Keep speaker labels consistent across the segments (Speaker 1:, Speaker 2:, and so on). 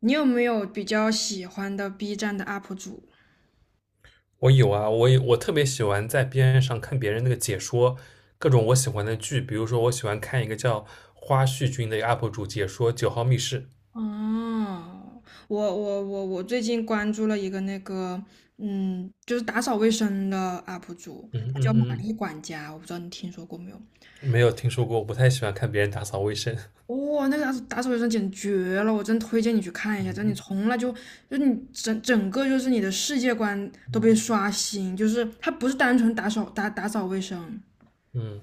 Speaker 1: 你有没有比较喜欢的 B 站的 UP 主？
Speaker 2: 我有啊，我特别喜欢在边上看别人那个解说各种我喜欢的剧，比如说我喜欢看一个叫花絮君的 UP 主解说《九号密室》。
Speaker 1: 哦，我最近关注了一个那个，就是打扫卫生的 UP 主，
Speaker 2: 嗯
Speaker 1: 他叫玛
Speaker 2: 嗯
Speaker 1: 丽管家，我不知道你听说过没有？
Speaker 2: 嗯，没有听说过，我不太喜欢看别人打扫卫生。
Speaker 1: 哦，那个打扫打扫卫生简直绝了，我真推荐你去看一下，真的你从来就你整个就是你的世界观都被刷新，就是他不是单纯打扫打扫卫生，
Speaker 2: 嗯，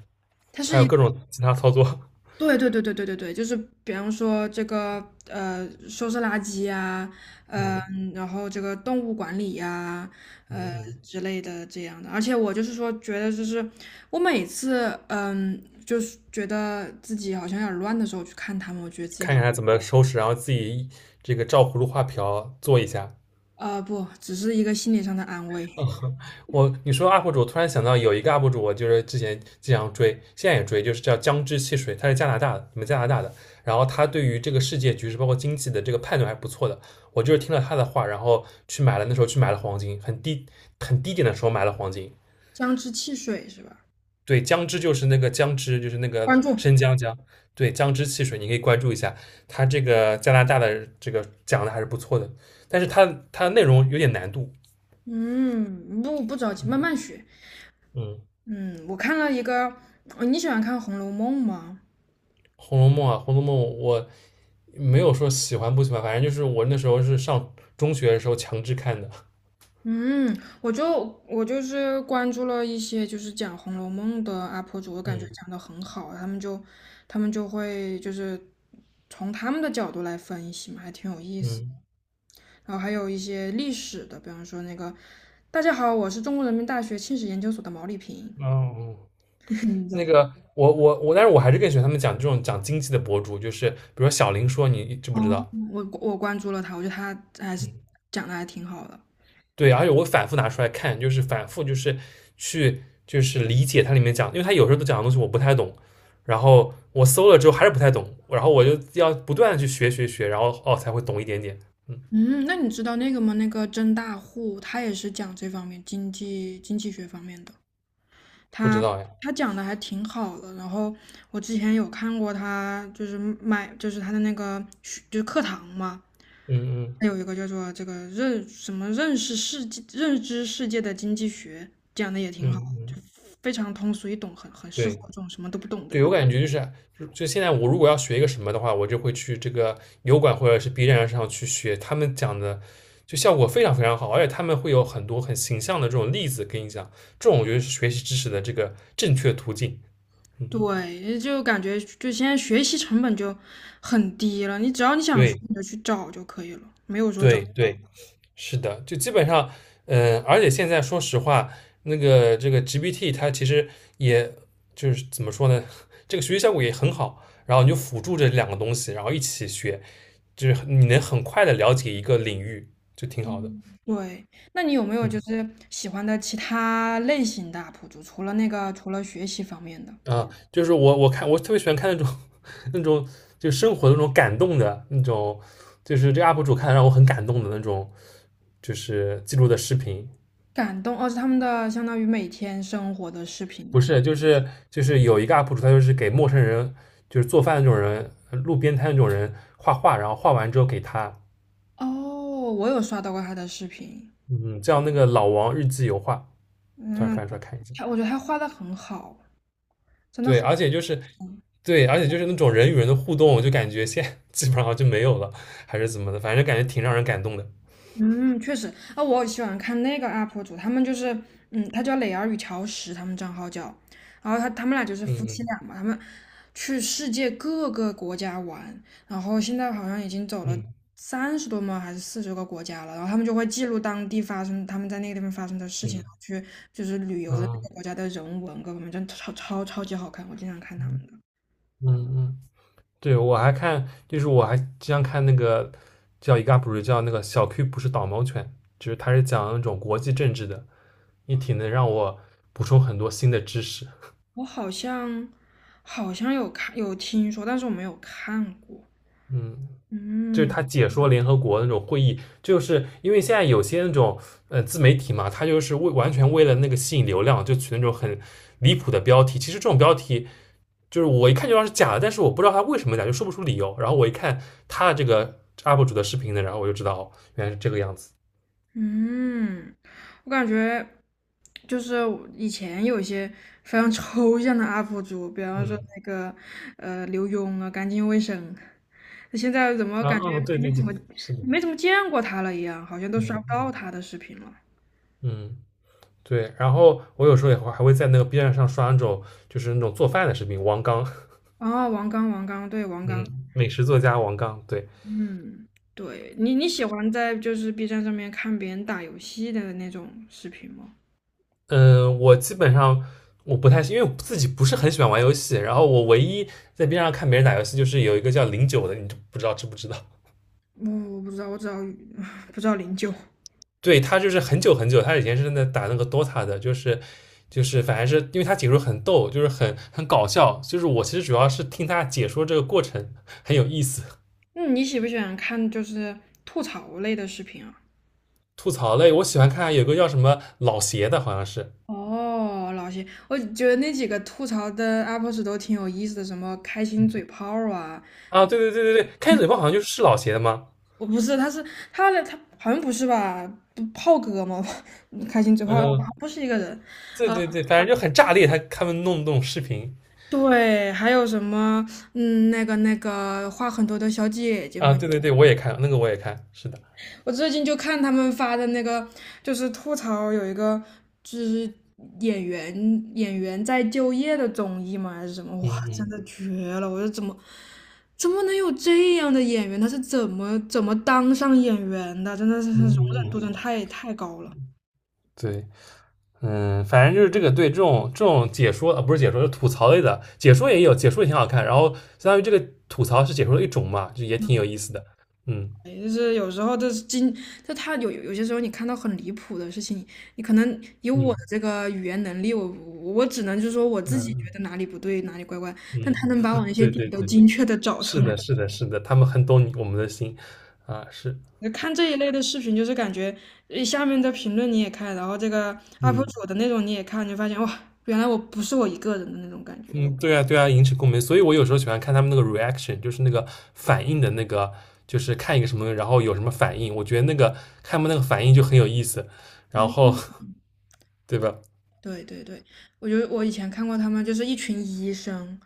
Speaker 1: 他
Speaker 2: 他
Speaker 1: 是
Speaker 2: 有
Speaker 1: 一
Speaker 2: 各种其他操作。
Speaker 1: 对对对对对对对，就是比方说这个收拾垃圾呀、嗯、
Speaker 2: 嗯
Speaker 1: 然后这个动物管理呀、
Speaker 2: 嗯
Speaker 1: 呃
Speaker 2: 嗯，
Speaker 1: 之类的这样的。而且我就是说，觉得就是我每次就是觉得自己好像有点乱的时候去看他们，我觉得自己好
Speaker 2: 看看他怎么收拾，然后自己这个照葫芦画瓢做一下。
Speaker 1: 啊、不，只是一个心理上的安慰。
Speaker 2: 嗯，你说 UP 主，我突然想到有一个 UP 主，我就是之前经常追，现在也追，就是叫姜汁汽水，他是加拿大的，你们加拿大的。然后他对于这个世界局势，包括经济的这个判断还不错的。我就是听了他的话，然后去买了，那时候去买了黄金，很低很低点的时候买了黄金。
Speaker 1: 姜汁汽水是吧？
Speaker 2: 对，姜汁就是那个姜汁，就是那个
Speaker 1: 关注，
Speaker 2: 生姜姜，对，姜汁汽水，你可以关注一下。他这个加拿大的这个讲的还是不错的，但是他的内容有点难度，
Speaker 1: 嗯，不着急，慢慢学。
Speaker 2: 嗯。
Speaker 1: 嗯，我看了一个，你喜欢看《红楼梦》吗？
Speaker 2: 《红楼梦》啊，《红楼梦》我没有说喜欢不喜欢，反正就是我那时候是上中学的时候强制看的。
Speaker 1: 嗯，我就我就是关注了一些就是讲《红楼梦》的 UP 主，我感觉
Speaker 2: 嗯
Speaker 1: 讲的很好，他们就会就是从他们的角度来分析嘛，还挺有意思。
Speaker 2: 嗯
Speaker 1: 然后还有一些历史的，比方说那个"大家好，我是中国人民大学清史研究所的毛丽萍"，
Speaker 2: 哦，哦
Speaker 1: 你知道
Speaker 2: 那
Speaker 1: 他，
Speaker 2: 个我我我，但是我还是更喜欢他们讲这种讲经济的博主，就是比如说小林说，你知不知道？
Speaker 1: 我关注了他，我觉得他还是
Speaker 2: 嗯，
Speaker 1: 讲的还挺好的。
Speaker 2: 对，而且我反复拿出来看，就是反复就是去就是理解它里面讲，因为它有时候都讲的东西我不太懂，然后我搜了之后还是不太懂，然后我就要不断的去学学学，然后哦才会懂一点点。嗯，
Speaker 1: 嗯，那你知道那个吗？那个甄大户，他也是讲这方面经济学方面的。
Speaker 2: 不知
Speaker 1: 他
Speaker 2: 道哎。
Speaker 1: 他讲的还挺好的，然后我之前有看过他，就是他的那个学就是课堂嘛，
Speaker 2: 嗯嗯。
Speaker 1: 他有一个叫做这个认什么认识世界认知世界的经济学，讲的也挺
Speaker 2: 嗯
Speaker 1: 好，就
Speaker 2: 嗯，
Speaker 1: 非常通俗易懂，很适合
Speaker 2: 对
Speaker 1: 这种什么都不懂的
Speaker 2: 对，我
Speaker 1: 人。
Speaker 2: 感觉就是就现在我如果要学一个什么的话，我就会去这个油管或者是 B 站上去学他们讲的，就效果非常非常好，而且他们会有很多很形象的这种例子跟你讲，这种我觉得是学习知识的这个正确途径。嗯，
Speaker 1: 对，就感觉就现在学习成本就很低了，你只要你想学，
Speaker 2: 对
Speaker 1: 你就去找就可以了，没有说找。
Speaker 2: 对对。是的，就基本上，嗯、而且现在说实话，那个这个 GPT 它其实也就是怎么说呢，这个学习效果也很好，然后你就辅助这两个东西，然后一起学，就是你能很快的了解一个领域，就挺好的。
Speaker 1: 对，那你有没有就
Speaker 2: 嗯
Speaker 1: 是喜欢的其他类型的 UP 主？除了那个，除了学习方面的
Speaker 2: 啊，就是我特别喜欢看那种 那种就生活的那种感动的那种，就是这个 UP 主看得让我很感动的那种，就是记录的视频，
Speaker 1: 感动，哦，是他们的相当于每天生活的视频
Speaker 2: 不
Speaker 1: 记。
Speaker 2: 是，就是有一个 UP 主，他就是给陌生人，就是做饭的那种人，路边摊那种人画画，然后画完之后给他，
Speaker 1: 哦，我有刷到过他的视频，
Speaker 2: 嗯，叫那个老王日记油画，突然
Speaker 1: 嗯，
Speaker 2: 翻出来看一下。
Speaker 1: 我觉得他画的很好，真的
Speaker 2: 对，
Speaker 1: 好。
Speaker 2: 而且就是对,而且就是那种人与人的互动，我就感觉现在基本上就没有了，还是怎么的，反正感觉挺让人感动的。
Speaker 1: 嗯，确实啊，我喜欢看那个 UP 主，他们就是，他叫磊儿与乔石，他们账号叫，然后他们俩就是
Speaker 2: 嗯
Speaker 1: 夫妻
Speaker 2: 嗯
Speaker 1: 俩嘛，他们去世界各个国家玩，然后现在好像已经走了
Speaker 2: 嗯
Speaker 1: 30多吗，还是40个国家了，然后他们就会记录当地发生他们在那个地方发生的事情，然
Speaker 2: 嗯
Speaker 1: 后去就是旅游的
Speaker 2: 嗯
Speaker 1: 那个国家的人文各方面，真的超级好看，我经常看他们的，
Speaker 2: 嗯嗯，对，我还看，就是我还经常看那个叫一个 UP 主叫那个小 Q 不是导盲犬，就是他是讲那种国际政治的。也挺能让我补充很多新的知识。
Speaker 1: 我好像有听说，但是我没有看过，
Speaker 2: 嗯，就是
Speaker 1: 嗯。
Speaker 2: 他解说联合国那种会议，就是因为现在有些那种自媒体嘛，他就是为完全为了那个吸引流量，就取那种很离谱的标题。其实这种标题就是我一看就知道是假的，但是我不知道他为什么假，就说不出理由。然后我一看他的这个 UP 主的视频呢，然后我就知道哦，原来是这个样子。
Speaker 1: 嗯，我感觉就是我以前有一些非常抽象的 UP 主，比方说
Speaker 2: 嗯，
Speaker 1: 那个刘墉啊，干净卫生，那现在怎么
Speaker 2: 啊，
Speaker 1: 感觉
Speaker 2: 嗯，对
Speaker 1: 没
Speaker 2: 对
Speaker 1: 怎
Speaker 2: 对，
Speaker 1: 么
Speaker 2: 是的，
Speaker 1: 没怎么见过他了一样，好像都刷
Speaker 2: 嗯
Speaker 1: 不到
Speaker 2: 嗯
Speaker 1: 他的视频了。
Speaker 2: 嗯。对，然后我有时候还会在那个 B 站上刷那种就是那种做饭的视频，王刚，
Speaker 1: 哦，王刚，王刚，对，王刚，
Speaker 2: 嗯，美食作家王刚，对，
Speaker 1: 嗯，对你喜欢在就是 B 站上面看别人打游戏的那种视频吗？
Speaker 2: 嗯，我基本上我不太，因为我自己不是很喜欢玩游戏，然后我唯一在 B 站上看别人打游戏，就是有一个叫零九的，你不知道知不知道？
Speaker 1: 我不知道，我只要 不知道零九。
Speaker 2: 对他就是很久很久，他以前是在打那个 DOTA 的，就是反正是因为他解说很逗，就是很搞笑，就是我其实主要是听他解说这个过程很有意思，
Speaker 1: 嗯，你喜不喜欢看就是吐槽类的视频啊？
Speaker 2: 吐槽类，我喜欢看有个叫什么老邪的，好像是。
Speaker 1: 哦，老谢，我觉得那几个吐槽的 UP 主都挺有意思的，什么开心嘴炮啊，
Speaker 2: 啊，对对对对对，开嘴炮好像就是老邪的吗？
Speaker 1: 我不是，他好像不是吧？不炮哥吗？开心嘴炮
Speaker 2: 嗯，
Speaker 1: 不是一个人，
Speaker 2: 对
Speaker 1: 呃
Speaker 2: 对对，反正就很炸裂，他们弄的那种视频
Speaker 1: 对，还有什么那个话很多的小姐姐
Speaker 2: 啊，
Speaker 1: 们。
Speaker 2: 对对对，我也看，是的，
Speaker 1: 我最近就看他们发的那个，就是吐槽有一个就是演员在就业的综艺嘛，还是什么？
Speaker 2: 嗯
Speaker 1: 哇，真
Speaker 2: 嗯
Speaker 1: 的绝了！我说怎么能有这样的演员？他是怎么当上演员的？真的是容
Speaker 2: 嗯
Speaker 1: 忍
Speaker 2: 嗯
Speaker 1: 度真的
Speaker 2: 嗯，
Speaker 1: 太高了。
Speaker 2: 对，嗯，反正就是这个对这种解说啊，不是解说，是吐槽类的，解说也有，解说也挺好看，然后相当于这个吐槽是解说的一种嘛，就也挺有意思的，嗯
Speaker 1: 就是有时候这是经，就他有些时候你看到很离谱的事情，你可能以我的
Speaker 2: 嗯
Speaker 1: 这个语言能力，我只能就是说我自己觉
Speaker 2: 嗯
Speaker 1: 得哪里不对，哪里怪怪，
Speaker 2: 嗯，
Speaker 1: 但他能把我那 些
Speaker 2: 对
Speaker 1: 点
Speaker 2: 对
Speaker 1: 都
Speaker 2: 对，
Speaker 1: 精确的找出
Speaker 2: 是
Speaker 1: 来。
Speaker 2: 的，是的，是的，他们很懂我们的心啊，是，
Speaker 1: 看这一类的视频，就是感觉下面的评论你也看，然后这个 UP
Speaker 2: 嗯
Speaker 1: 主的那种你也看，你就发现哇，原来我不是我一个人的那种感觉。
Speaker 2: 嗯，对啊，对啊，引起共鸣。所以我有时候喜欢看他们那个 reaction,就是那个反应的那个，就是看一个什么，然后有什么反应。我觉得那个看他们那个反应就很有意思，然后
Speaker 1: 嗯。
Speaker 2: 对吧？
Speaker 1: 对对对，我觉得我以前看过他们，就是一群医生，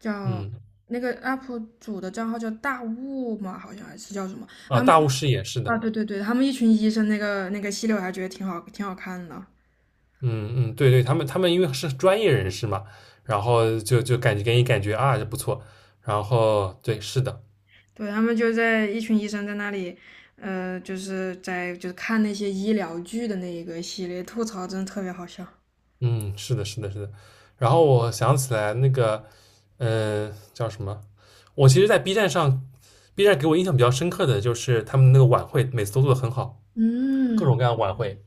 Speaker 1: 叫
Speaker 2: 嗯，
Speaker 1: 那个 UP 主的账号叫大雾嘛，好像还是叫什么？
Speaker 2: 啊，
Speaker 1: 他们
Speaker 2: 大巫师也是
Speaker 1: 啊，
Speaker 2: 的。
Speaker 1: 对对对，他们一群医生那个系列我还觉得挺好，挺好看的。
Speaker 2: 嗯嗯，对对，他们因为是专业人士嘛，然后就感觉给你感觉啊，就不错。然后对，是的，
Speaker 1: 对，他们就在一群医生在那里，就是看那些医疗剧的那一个系列，吐槽真的特别好笑。
Speaker 2: 嗯，是的，是的，是的。然后我想起来那个，嗯、叫什么？我其实，在 B 站上，B 站给我印象比较深刻的就是他们那个晚会，每次都做的很好，各种
Speaker 1: 嗯，
Speaker 2: 各样的晚会，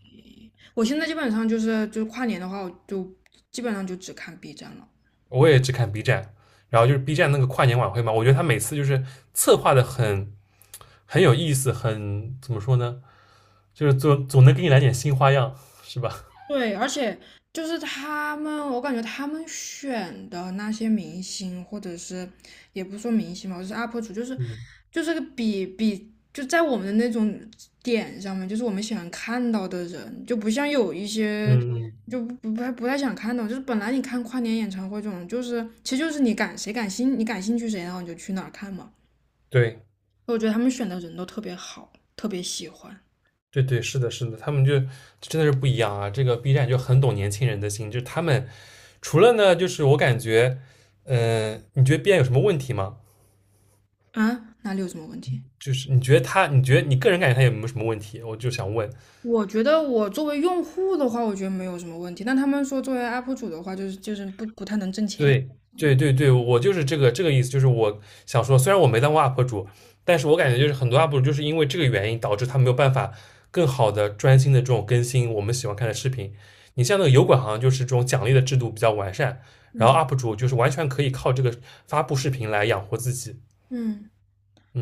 Speaker 1: 我现在基本上就是跨年的话，我就基本上就只看 B 站了。
Speaker 2: 我也只看 B 站。然后就是 B 站那个跨年晚会嘛，我觉得他每次就是策划的很有意思，很怎么说呢，就是总能给你来点新花样，是吧？
Speaker 1: 对，而且就是他们，我感觉他们选的那些明星，或者是也不说明星嘛，就是 UP 主，就是
Speaker 2: 嗯
Speaker 1: 就是个比就在我们的那种点上面，就是我们喜欢看到的人，就不像有一些
Speaker 2: 嗯，嗯
Speaker 1: 就不太想看到，就是本来你看跨年演唱会这种，就是其实就是你你感兴趣谁，然后你就去哪儿看嘛。
Speaker 2: 对
Speaker 1: 我觉得他们选的人都特别好，特别喜欢
Speaker 2: 对对，是的，是的，他们就真的是不一样啊。这个 B 站就很懂年轻人的心，就是他们除了呢，就是我感觉，你觉得 B 站有什么问题吗？
Speaker 1: 啊，哪里有什么问题？
Speaker 2: 就是你觉得你个人感觉他有没有什么问题？我就想问，
Speaker 1: 我觉得我作为用户的话，我觉得没有什么问题。但他们说作为 UP 主的话，就是不不太能挣钱啊。
Speaker 2: 对对对对，我就是这个意思，就是我想说，虽然我没当过 UP 主，但是我感觉就是很多 UP 主就是因为这个原因导致他没有办法更好的专心的这种更新我们喜欢看的视频。你像那个油管，好像就是这种奖励的制度比较完善，然后
Speaker 1: 嗯
Speaker 2: UP 主就是完全可以靠这个发布视频来养活自己。
Speaker 1: 嗯，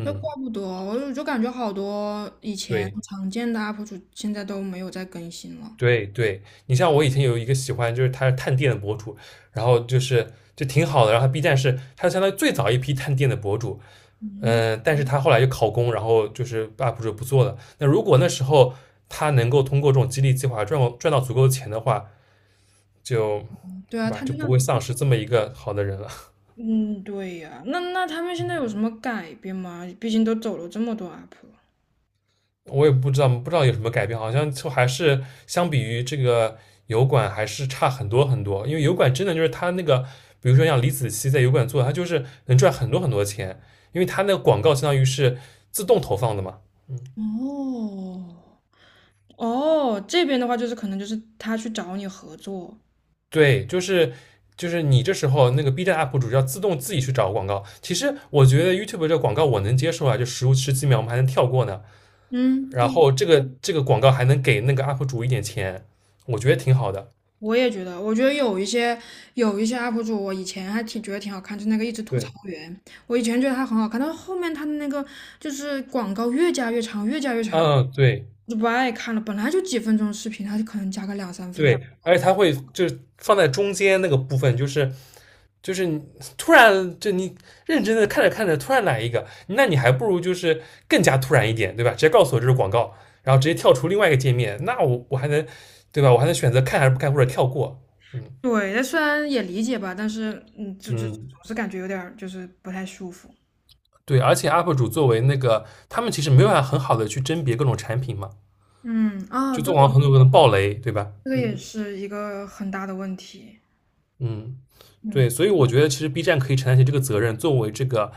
Speaker 1: 这怪不得，我就感觉好多以前
Speaker 2: 对，
Speaker 1: 常见的 UP 主现在都没有再更新了。
Speaker 2: 对对，你像我以前有一个喜欢，就是他是探店的博主，然后就是就挺好的，然后他 B 站是他相当于最早一批探店的博主，
Speaker 1: 嗯，
Speaker 2: 嗯、但是他后来就考公，然后就是 UP 主不做了。那如果那时候他能够通过这种激励计划赚到足够的钱的话，就
Speaker 1: 对
Speaker 2: 对
Speaker 1: 啊，
Speaker 2: 吧，
Speaker 1: 他
Speaker 2: 就
Speaker 1: 就那，
Speaker 2: 不会丧失这么一个好的人了。
Speaker 1: 嗯，对呀、那他们现在有什么改变吗？毕竟都走了这么多 UP 了。
Speaker 2: 我也不知道，不知道有什么改变，好像就还是相比于这个油管还是差很多很多。因为油管真的就是它那个，比如说像李子柒在油管做，它就是能赚很多很多钱，因为它那个广告相当于是自动投放的嘛。嗯，
Speaker 1: 哦，哦，这边的话就是可能就是他去找你合作。
Speaker 2: 对，就是你这时候那个 B 站 UP 主要自动自己去找广告。其实我觉得 YouTube 这个广告我能接受啊，就十几秒我们还能跳过呢。
Speaker 1: 嗯，
Speaker 2: 然
Speaker 1: 对
Speaker 2: 后这个广告还能给那个 UP 主一点钱，我觉得挺好的。
Speaker 1: 我也觉得，我觉得有一些 UP 主，我以前还挺觉得挺好看，就那个一直吐槽
Speaker 2: 对，
Speaker 1: 员，我以前觉得他很好看，但是后面他的那个就是广告越加越长，越加越长，
Speaker 2: 嗯，对。
Speaker 1: 我就不爱看了。本来就几分钟视频，他就可能加个两三分
Speaker 2: 对，
Speaker 1: 钟。
Speaker 2: 而且它会就是放在中间那个部分，就是你突然认真的看着看着，突然来一个，那你还不如就是更加突然一点，对吧？直接告诉我这是广告，然后直接跳出另外一个界面，那我还能对吧？我还能选择看还是不看或者跳过，嗯
Speaker 1: 对，但虽然也理解吧，但是就总
Speaker 2: 嗯，
Speaker 1: 是感觉有点儿就是不太舒服。
Speaker 2: 对，而且 UP 主作为那个他们其实没有办法很好的去甄别各种产品嘛，
Speaker 1: 嗯，啊，
Speaker 2: 就
Speaker 1: 对，
Speaker 2: 做完很多可能爆雷，对吧？
Speaker 1: 这个也
Speaker 2: 嗯
Speaker 1: 是一个很大的问题。
Speaker 2: 嗯。对，
Speaker 1: 嗯，
Speaker 2: 所以我觉得其实 B 站可以承担起这个责任，作为这个，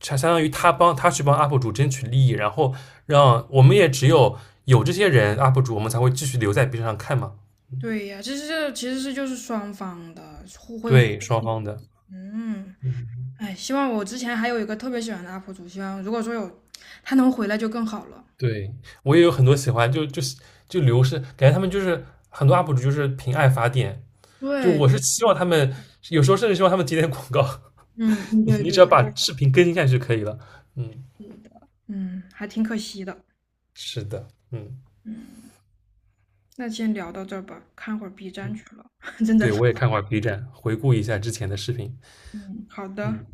Speaker 2: 相当于他去帮 UP 主争取利益，然后让我们也只有这些人 UP 主，我们才会继续留在 B 站上看嘛。
Speaker 1: 对呀，其实这其实是就是双方的互惠互
Speaker 2: 对，双方的，
Speaker 1: 嗯。
Speaker 2: 嗯，
Speaker 1: 哎，希望我之前还有一个特别喜欢的 UP 主，希望如果说有他能回来就更好了。
Speaker 2: 对我也有很多喜欢，就流失，感觉他们就是很多 UP 主就是凭爱发电，就
Speaker 1: 对，
Speaker 2: 我是希望他们有时候甚至希望他们接点广告，
Speaker 1: 嗯，嗯
Speaker 2: 你
Speaker 1: 对
Speaker 2: 你
Speaker 1: 对
Speaker 2: 只要
Speaker 1: 对，
Speaker 2: 把视频更新下去就可以了。嗯，
Speaker 1: 是的，嗯，还挺可惜的。
Speaker 2: 是的，嗯，
Speaker 1: 嗯，那先聊到这儿吧，看会儿 B 站去了，真的
Speaker 2: 对
Speaker 1: 是
Speaker 2: 我也看过 B 站，回顾一下之前的视频，
Speaker 1: 嗯，好
Speaker 2: 嗯。
Speaker 1: 的。